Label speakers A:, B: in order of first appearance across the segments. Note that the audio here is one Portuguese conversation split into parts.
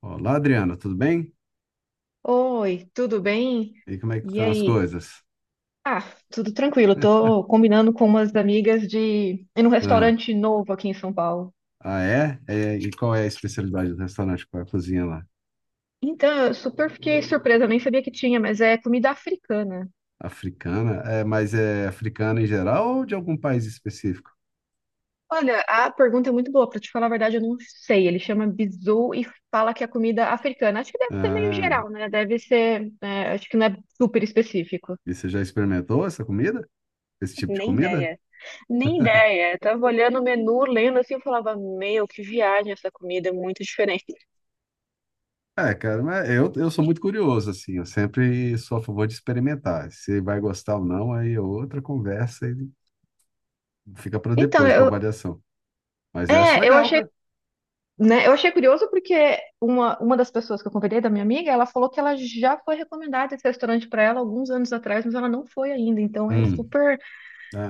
A: Olá, Adriana, tudo bem?
B: Oi, tudo bem?
A: E como é que
B: E
A: estão as
B: aí?
A: coisas?
B: Ah, tudo tranquilo. Tô combinando com umas amigas de ir num
A: Ah,
B: restaurante novo aqui em São Paulo.
A: ah, é? É, e qual é a especialidade do restaurante? Qual é a cozinha lá?
B: Então, eu super fiquei surpresa, nem sabia que tinha, mas é comida africana.
A: Africana? É, mas é africana em geral ou de algum país específico?
B: Olha, a pergunta é muito boa, pra te falar a verdade, eu não sei. Ele chama bizu e fala que é comida africana. Acho que deve ser meio
A: Ah,
B: geral, né? Deve ser, é, acho que não é super específico.
A: e você já experimentou essa comida? Esse tipo de
B: Nem
A: comida?
B: ideia, nem ideia. Eu tava olhando o menu, lendo assim, eu falava, meu, que viagem essa comida, é muito diferente.
A: É, cara, mas eu sou muito curioso, assim, eu sempre sou a favor de experimentar. Se vai gostar ou não, aí é outra conversa e fica para
B: Então,
A: depois, para
B: eu,
A: avaliação. Mas eu acho
B: é, eu
A: legal,
B: achei,
A: cara.
B: né, eu achei curioso porque uma das pessoas que eu convidei, da minha amiga, ela falou que ela já foi recomendada esse restaurante para ela alguns anos atrás, mas ela não foi ainda. Então, é
A: Hum.
B: super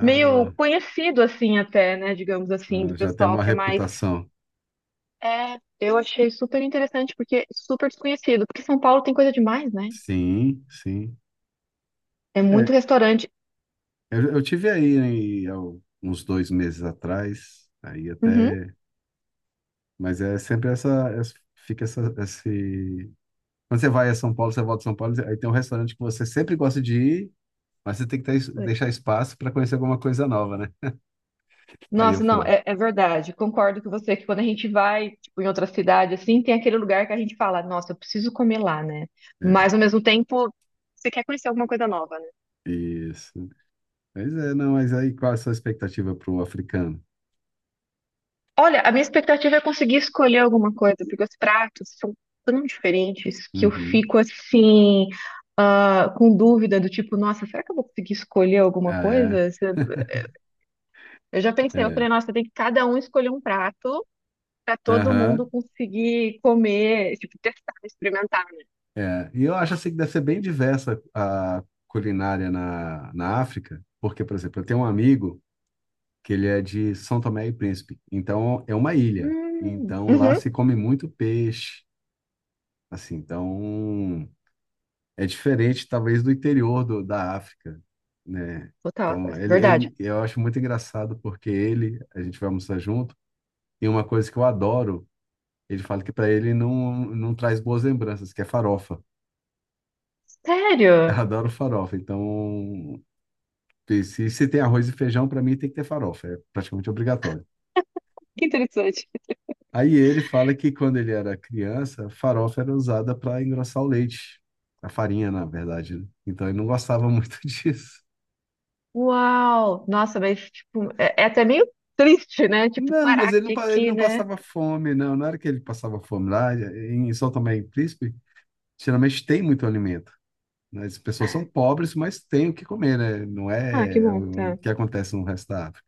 B: meio conhecido, assim, até, né, digamos assim, do
A: já tem
B: pessoal
A: uma
B: que é mais.
A: reputação.
B: É, eu achei super interessante porque super desconhecido, porque São Paulo tem coisa demais, né?
A: Sim, sim.
B: É muito
A: É,
B: restaurante.
A: eu tive aí, né, há uns dois meses atrás, aí
B: Uhum.
A: até, mas é sempre essa, fica essa, esse, quando você vai a São Paulo, você volta a São Paulo, aí tem um restaurante que você sempre gosta de ir, mas você tem que ter, deixar espaço para conhecer alguma coisa nova, né? Aí eu
B: Nossa, não,
A: fui.
B: é, é verdade. Concordo com você que quando a gente vai, tipo, em outra cidade, assim, tem aquele lugar que a gente fala, nossa, eu preciso comer lá, né? Mas
A: É,
B: ao mesmo tempo, você quer conhecer alguma coisa nova, né?
A: isso. Mas é, não, mas aí qual é a sua expectativa para o africano?
B: Olha, a minha expectativa é conseguir escolher alguma coisa, porque os pratos são tão diferentes que eu
A: Uhum.
B: fico assim, ah, com dúvida do tipo, nossa, será que eu vou conseguir escolher alguma
A: Ah, é?
B: coisa? Eu já pensei, eu
A: É.
B: falei, nossa, tem que cada um escolher um prato, para todo mundo
A: Aham.
B: conseguir comer, tipo, testar, experimentar.
A: É, e eu acho assim que deve ser bem diversa a culinária na África, porque, por exemplo, eu tenho um amigo que ele é de São Tomé e Príncipe, então é uma ilha, então lá se
B: Uhum,
A: come muito peixe, assim, então é diferente talvez do interior da África, né?
B: total,
A: Então
B: verdade.
A: eu acho muito engraçado porque ele, a gente vai almoçar junto, e uma coisa que eu adoro, ele fala que para ele não traz boas lembranças, que é farofa. Eu
B: Sério?
A: adoro farofa, então. Se tem arroz e feijão, para mim tem que ter farofa, é praticamente obrigatório.
B: Que interessante.
A: Aí ele fala que quando ele era criança, a farofa era usada para engrossar o leite, a farinha, na verdade, né? Então ele não gostava muito disso.
B: Uau! Nossa, mas, tipo, é, é até meio triste, né? Tipo,
A: Não, mas
B: caraca, tinha
A: ele
B: que ir,
A: não
B: né?
A: passava fome, não. Na hora que ele passava fome lá, em São Tomé e Príncipe, geralmente tem muito alimento, né? As pessoas são pobres, mas têm o que comer, né? Não
B: Ah, que
A: é
B: bom,
A: o
B: tá.
A: que acontece no resto da África.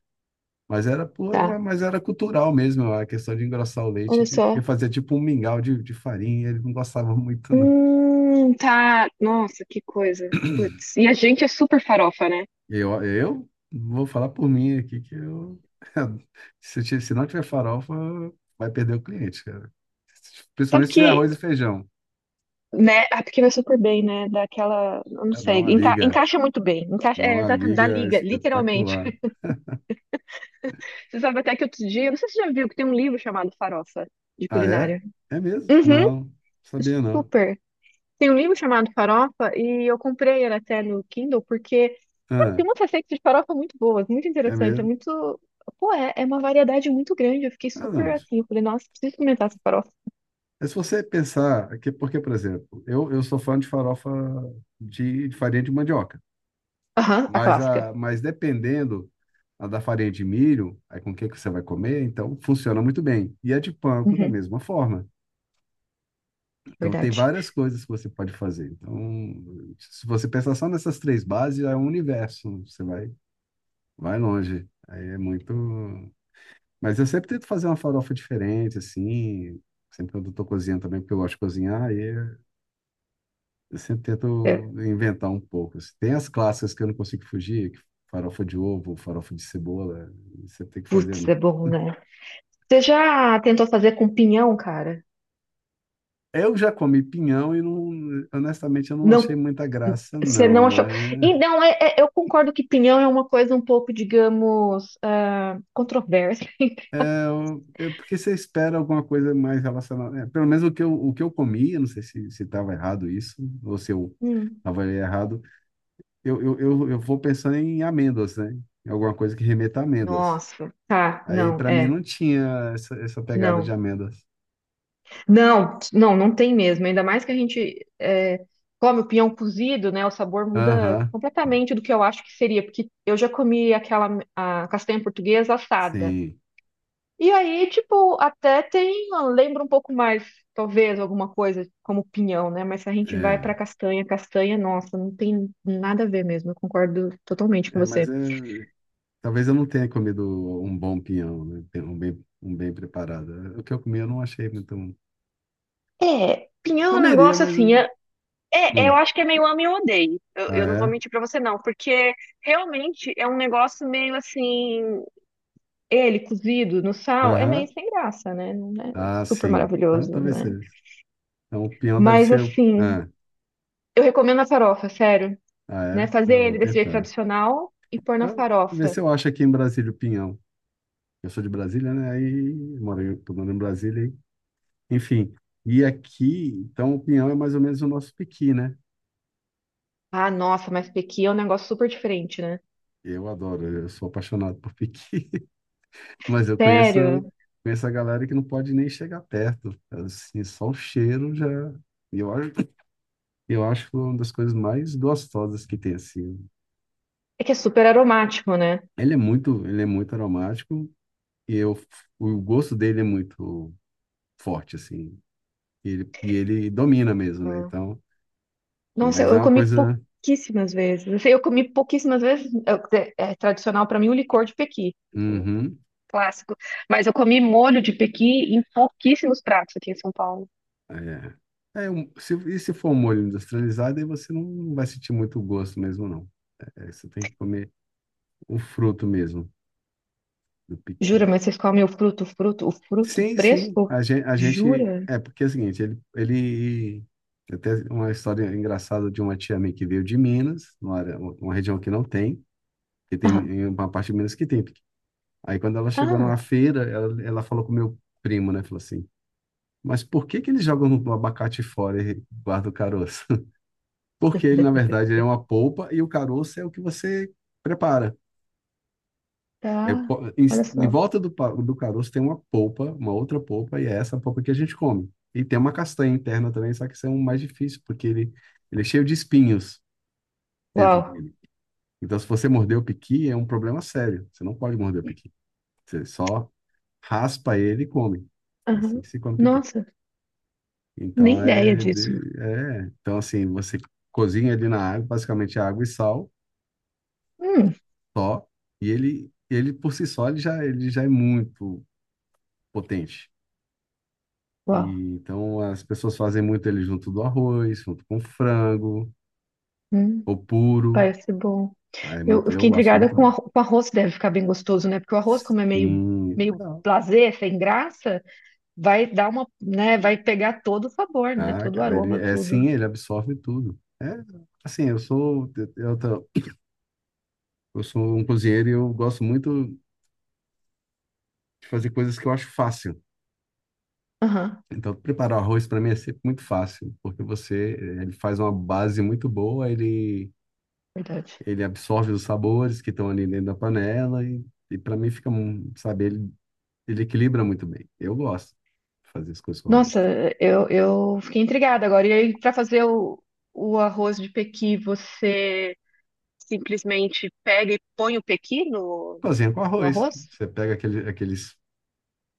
A: Mas era, por-
B: Tá.
A: mas era cultural mesmo, a questão de engrossar o leite,
B: Olha
A: porque
B: só.
A: fazia tipo um mingau de farinha, ele não gostava muito, não.
B: Tá. Nossa, que coisa. Putz. E a gente é super farofa, né?
A: Eu vou falar por mim aqui que se não tiver farofa, vai perder o cliente, cara.
B: Sabe
A: Principalmente se tiver
B: que,
A: arroz e feijão.
B: né? Ah, porque vai super bem, né? Daquela. Eu não
A: É,
B: sei. Encaixa muito bem. Encaixa,
A: dá
B: é,
A: uma
B: exatamente. Da
A: liga
B: liga, literalmente.
A: espetacular.
B: Você sabe até que outro dia, eu não sei se você já viu que tem um livro chamado Farofa, de
A: Ah, é?
B: culinária.
A: É mesmo?
B: Uhum.
A: Não, sabia não.
B: Super. Tem um livro chamado Farofa e eu comprei ele até no Kindle porque sabe,
A: Ah,
B: tem umas receitas de farofa muito boas, muito
A: é
B: interessantes, é
A: mesmo?
B: muito... Pô, é, é uma variedade muito grande. Eu fiquei
A: Ah,
B: super
A: não.
B: assim, eu falei, nossa, preciso experimentar essa farofa.
A: Mas se você pensar, é que, porque, por exemplo, eu sou fã de farofa de farinha de mandioca,
B: Aham, a
A: mas,
B: clássica.
A: mas dependendo a da farinha de milho, aí com o que que você vai comer, então funciona muito bem. E a de panko da
B: Uhum,
A: mesma forma. Então tem
B: verdade.
A: várias coisas que você pode fazer. Então, se você pensar só nessas três bases, já é um universo, você vai, vai longe. Aí é muito. Mas eu sempre tento fazer uma farofa diferente, assim. Sempre quando eu tô cozinhando também, porque eu gosto de cozinhar. Aí é Eu sempre tento
B: É,
A: inventar um pouco, assim. Tem as clássicas que eu não consigo fugir, que farofa de ovo, farofa de cebola, você tem que fazer.
B: putz, é bom, né? Você já tentou fazer com pinhão, cara?
A: Eu já comi pinhão e não, honestamente eu não achei
B: Não,
A: muita graça,
B: você
A: não.
B: não achou.
A: Mas
B: Então, eu concordo que pinhão é uma coisa um pouco, digamos, ah, controversa.
A: é porque você espera alguma coisa mais relacionada. É, pelo menos o que eu comi, eu não sei se estava errado isso, ou se eu
B: Hum.
A: avaliei errado. Eu vou pensando em amêndoas, né? Em alguma coisa que remeta a amêndoas.
B: Nossa, tá,
A: Aí
B: não,
A: para mim
B: é.
A: não tinha essa pegada de
B: Não,
A: amêndoas.
B: não, não, não tem mesmo. Ainda mais que a gente é, come o pinhão cozido, né? O sabor muda
A: Aham,
B: completamente do que eu acho que seria, porque eu já comi aquela a castanha portuguesa assada.
A: sim,
B: E aí, tipo, até tem, lembra um pouco mais, talvez, alguma coisa como pinhão, né? Mas se a gente vai
A: é,
B: pra castanha, castanha, nossa, não tem nada a ver mesmo. Eu concordo totalmente com
A: é, mas
B: você.
A: é, talvez eu não tenha comido um bom pinhão, né? Tem um bem preparado. É, o que eu comi eu não achei muito um.
B: É, pinhão é um
A: Comeria,
B: negócio
A: mas
B: assim.
A: eu...
B: É, eu,
A: Hum.
B: acho que é meio ame ou odeie. eu não vou
A: Ah, é?
B: mentir pra você, não, porque realmente é um negócio meio assim. Ele cozido no sal é meio
A: Aham.
B: sem graça, né? Não é
A: Ah,
B: super
A: sim. Então
B: maravilhoso,
A: talvez
B: né?
A: seja isso. Então o pinhão deve
B: Mas
A: ser.
B: assim,
A: Ah,
B: eu recomendo a farofa, sério,
A: ah
B: né?
A: é?
B: Fazer
A: Ah, vou
B: ele desse jeito
A: tentar.
B: tradicional e pôr na
A: Então, ver
B: farofa.
A: se eu acho aqui em Brasília o pinhão. Eu sou de Brasília, né? Aí tô morando em Brasília, aí. Enfim, e aqui, então o pinhão é mais ou menos o nosso piqui, né?
B: Ah, nossa, mas pequi é um negócio super diferente, né?
A: Eu adoro, eu sou apaixonado por piqui, mas eu conheço,
B: Sério.
A: a galera que não pode nem chegar perto. Assim, só o cheiro já. E eu acho que é uma das coisas mais gostosas que tem, assim.
B: É que é super aromático, né?
A: Ele é muito aromático e o gosto dele é muito forte, assim. E ele domina mesmo, né?
B: Ah.
A: Então,
B: Nossa,
A: mas é
B: eu
A: uma
B: comi
A: coisa.
B: pouquíssimas vezes. Assim, eu comi pouquíssimas vezes. É, é tradicional para mim o licor de pequi, porque, né,
A: Uhum,
B: clássico. Mas eu comi molho de pequi em pouquíssimos pratos aqui em São Paulo.
A: é. É, um- se, e se for um molho industrializado, aí você não vai sentir muito gosto mesmo, não. É, você tem que comer o fruto mesmo do
B: Jura,
A: piqui.
B: mas vocês comem o fruto, o fruto, o fruto
A: Sim, sim.
B: fresco?
A: A gente
B: Jura?
A: é porque é o seguinte, ele até uma história engraçada de uma tia minha que veio de Minas, uma região que não tem, que
B: Ah,
A: tem uma parte de Minas que tem piqui. Aí quando ela chegou
B: ah,
A: numa feira, ela falou com o meu primo, né? Falou assim: "Mas por que que eles jogam o abacate fora e guardam o caroço?" Porque ele, na verdade, é uma polpa e o caroço é o que você prepara. Eu
B: tá.
A: po- em,
B: Olha
A: em
B: só.
A: volta do caroço tem uma polpa, uma outra polpa, e é essa polpa que a gente come. E tem uma castanha interna também, só que isso é um mais difícil, porque ele é cheio de espinhos dentro
B: Uau.
A: dele. Então, se você morder o piqui, é um problema sério. Você não pode morder o piqui. Você só raspa ele e come. É assim
B: Aham.
A: que se come piqui.
B: Nossa, nem
A: Então,
B: ideia disso.
A: é. Então, assim, você cozinha ele na água, basicamente é água e sal,
B: Hum,
A: só. E ele por si só, ele já é muito potente.
B: uau.
A: E, então as pessoas fazem muito ele junto do arroz, junto com frango,
B: Hum,
A: ou puro.
B: parece bom.
A: Ah, é
B: Eu
A: muito,
B: fiquei
A: eu acho
B: intrigada
A: muito
B: com,
A: bom.
B: com arroz, que deve ficar bem gostoso, né? Porque o arroz, como é meio,
A: Sim.
B: meio
A: Não.
B: blasé, sem graça, vai dar uma, né? Vai pegar todo o sabor, né?
A: Ah,
B: Todo o
A: cara, ele
B: aroma,
A: é sim,
B: tudo.
A: ele absorve tudo. É, assim, eu, tô- eu sou um cozinheiro e eu gosto muito de fazer coisas que eu acho fácil.
B: Aham,
A: Então, preparar o arroz para mim é sempre muito fácil, porque ele faz uma base muito boa, ele
B: verdade.
A: ele absorve os sabores que estão ali dentro da panela e para mim fica, sabe, ele equilibra muito bem. Eu gosto de fazer as coisas com arroz.
B: Nossa, eu fiquei intrigada agora. E aí, para fazer o arroz de pequi, você simplesmente pega e põe o pequi no,
A: Cozinha com
B: no
A: arroz.
B: arroz?
A: Você pega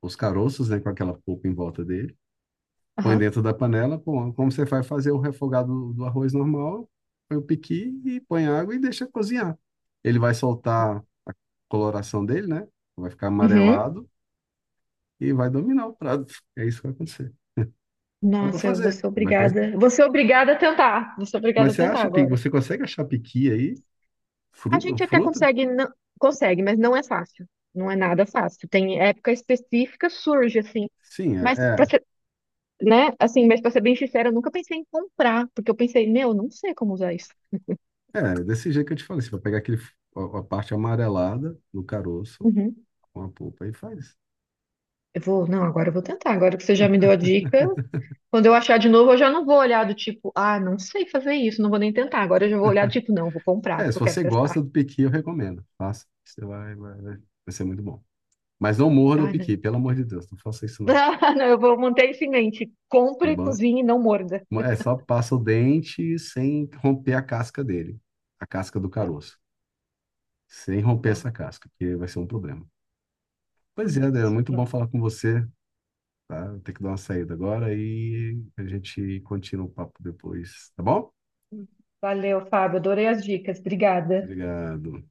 A: os caroços, né, com aquela polpa em volta dele, põe
B: Aham.
A: dentro da panela, pô, como você vai fazer o refogado do arroz normal, põe o piqui e põe água e deixa cozinhar. Ele vai soltar a coloração dele, né? Vai ficar
B: Uhum.
A: amarelado e vai dominar o prato. É isso que vai acontecer. Dá para
B: Nossa, eu vou
A: fazer,
B: ser
A: vai cozinhar.
B: obrigada. Vou ser obrigada a tentar. Vou ser obrigada
A: Mas
B: a
A: você
B: tentar
A: acha,
B: agora.
A: você consegue achar piqui aí?
B: A
A: Fruta,
B: gente até
A: fruta?
B: consegue, não, consegue, mas não é fácil. Não é nada fácil. Tem época específica, surge assim.
A: Sim,
B: Mas para ser, né? Assim, mas para ser bem sincera, eu nunca pensei em comprar, porque eu pensei, meu, eu não sei como usar isso.
A: É, desse jeito que eu te falei, você vai pegar a parte amarelada do caroço
B: Uhum.
A: com a polpa e faz.
B: Eu vou, não, agora eu vou tentar. Agora que você já me deu a dica, quando eu achar de novo, eu já não vou olhar do tipo, ah, não sei fazer isso, não vou nem tentar. Agora eu já vou olhar do tipo, não, vou comprar,
A: É,
B: porque
A: se
B: eu quero
A: você
B: testar.
A: gosta do piqui, eu recomendo. Faça. Você vai, vai, vai. Vai ser muito bom. Mas não morda o
B: Ah, não.
A: piqui, pelo amor de Deus, não faça isso não,
B: Ah, não, eu vou manter isso em mente.
A: tá
B: Compre,
A: bom?
B: cozinhe e não morda.
A: É, só passa o dente sem romper a casca dele, a casca do
B: Tá,
A: caroço. Sem romper
B: tá.
A: essa casca, porque vai ser um problema.
B: Ah,
A: Pois
B: meu
A: é, Adriano,
B: Deus.
A: muito bom falar com você, tá? Vou ter que dar uma saída agora e a gente continua o papo depois, tá bom?
B: Valeu, Fábio. Adorei as dicas. Obrigada.
A: Obrigado.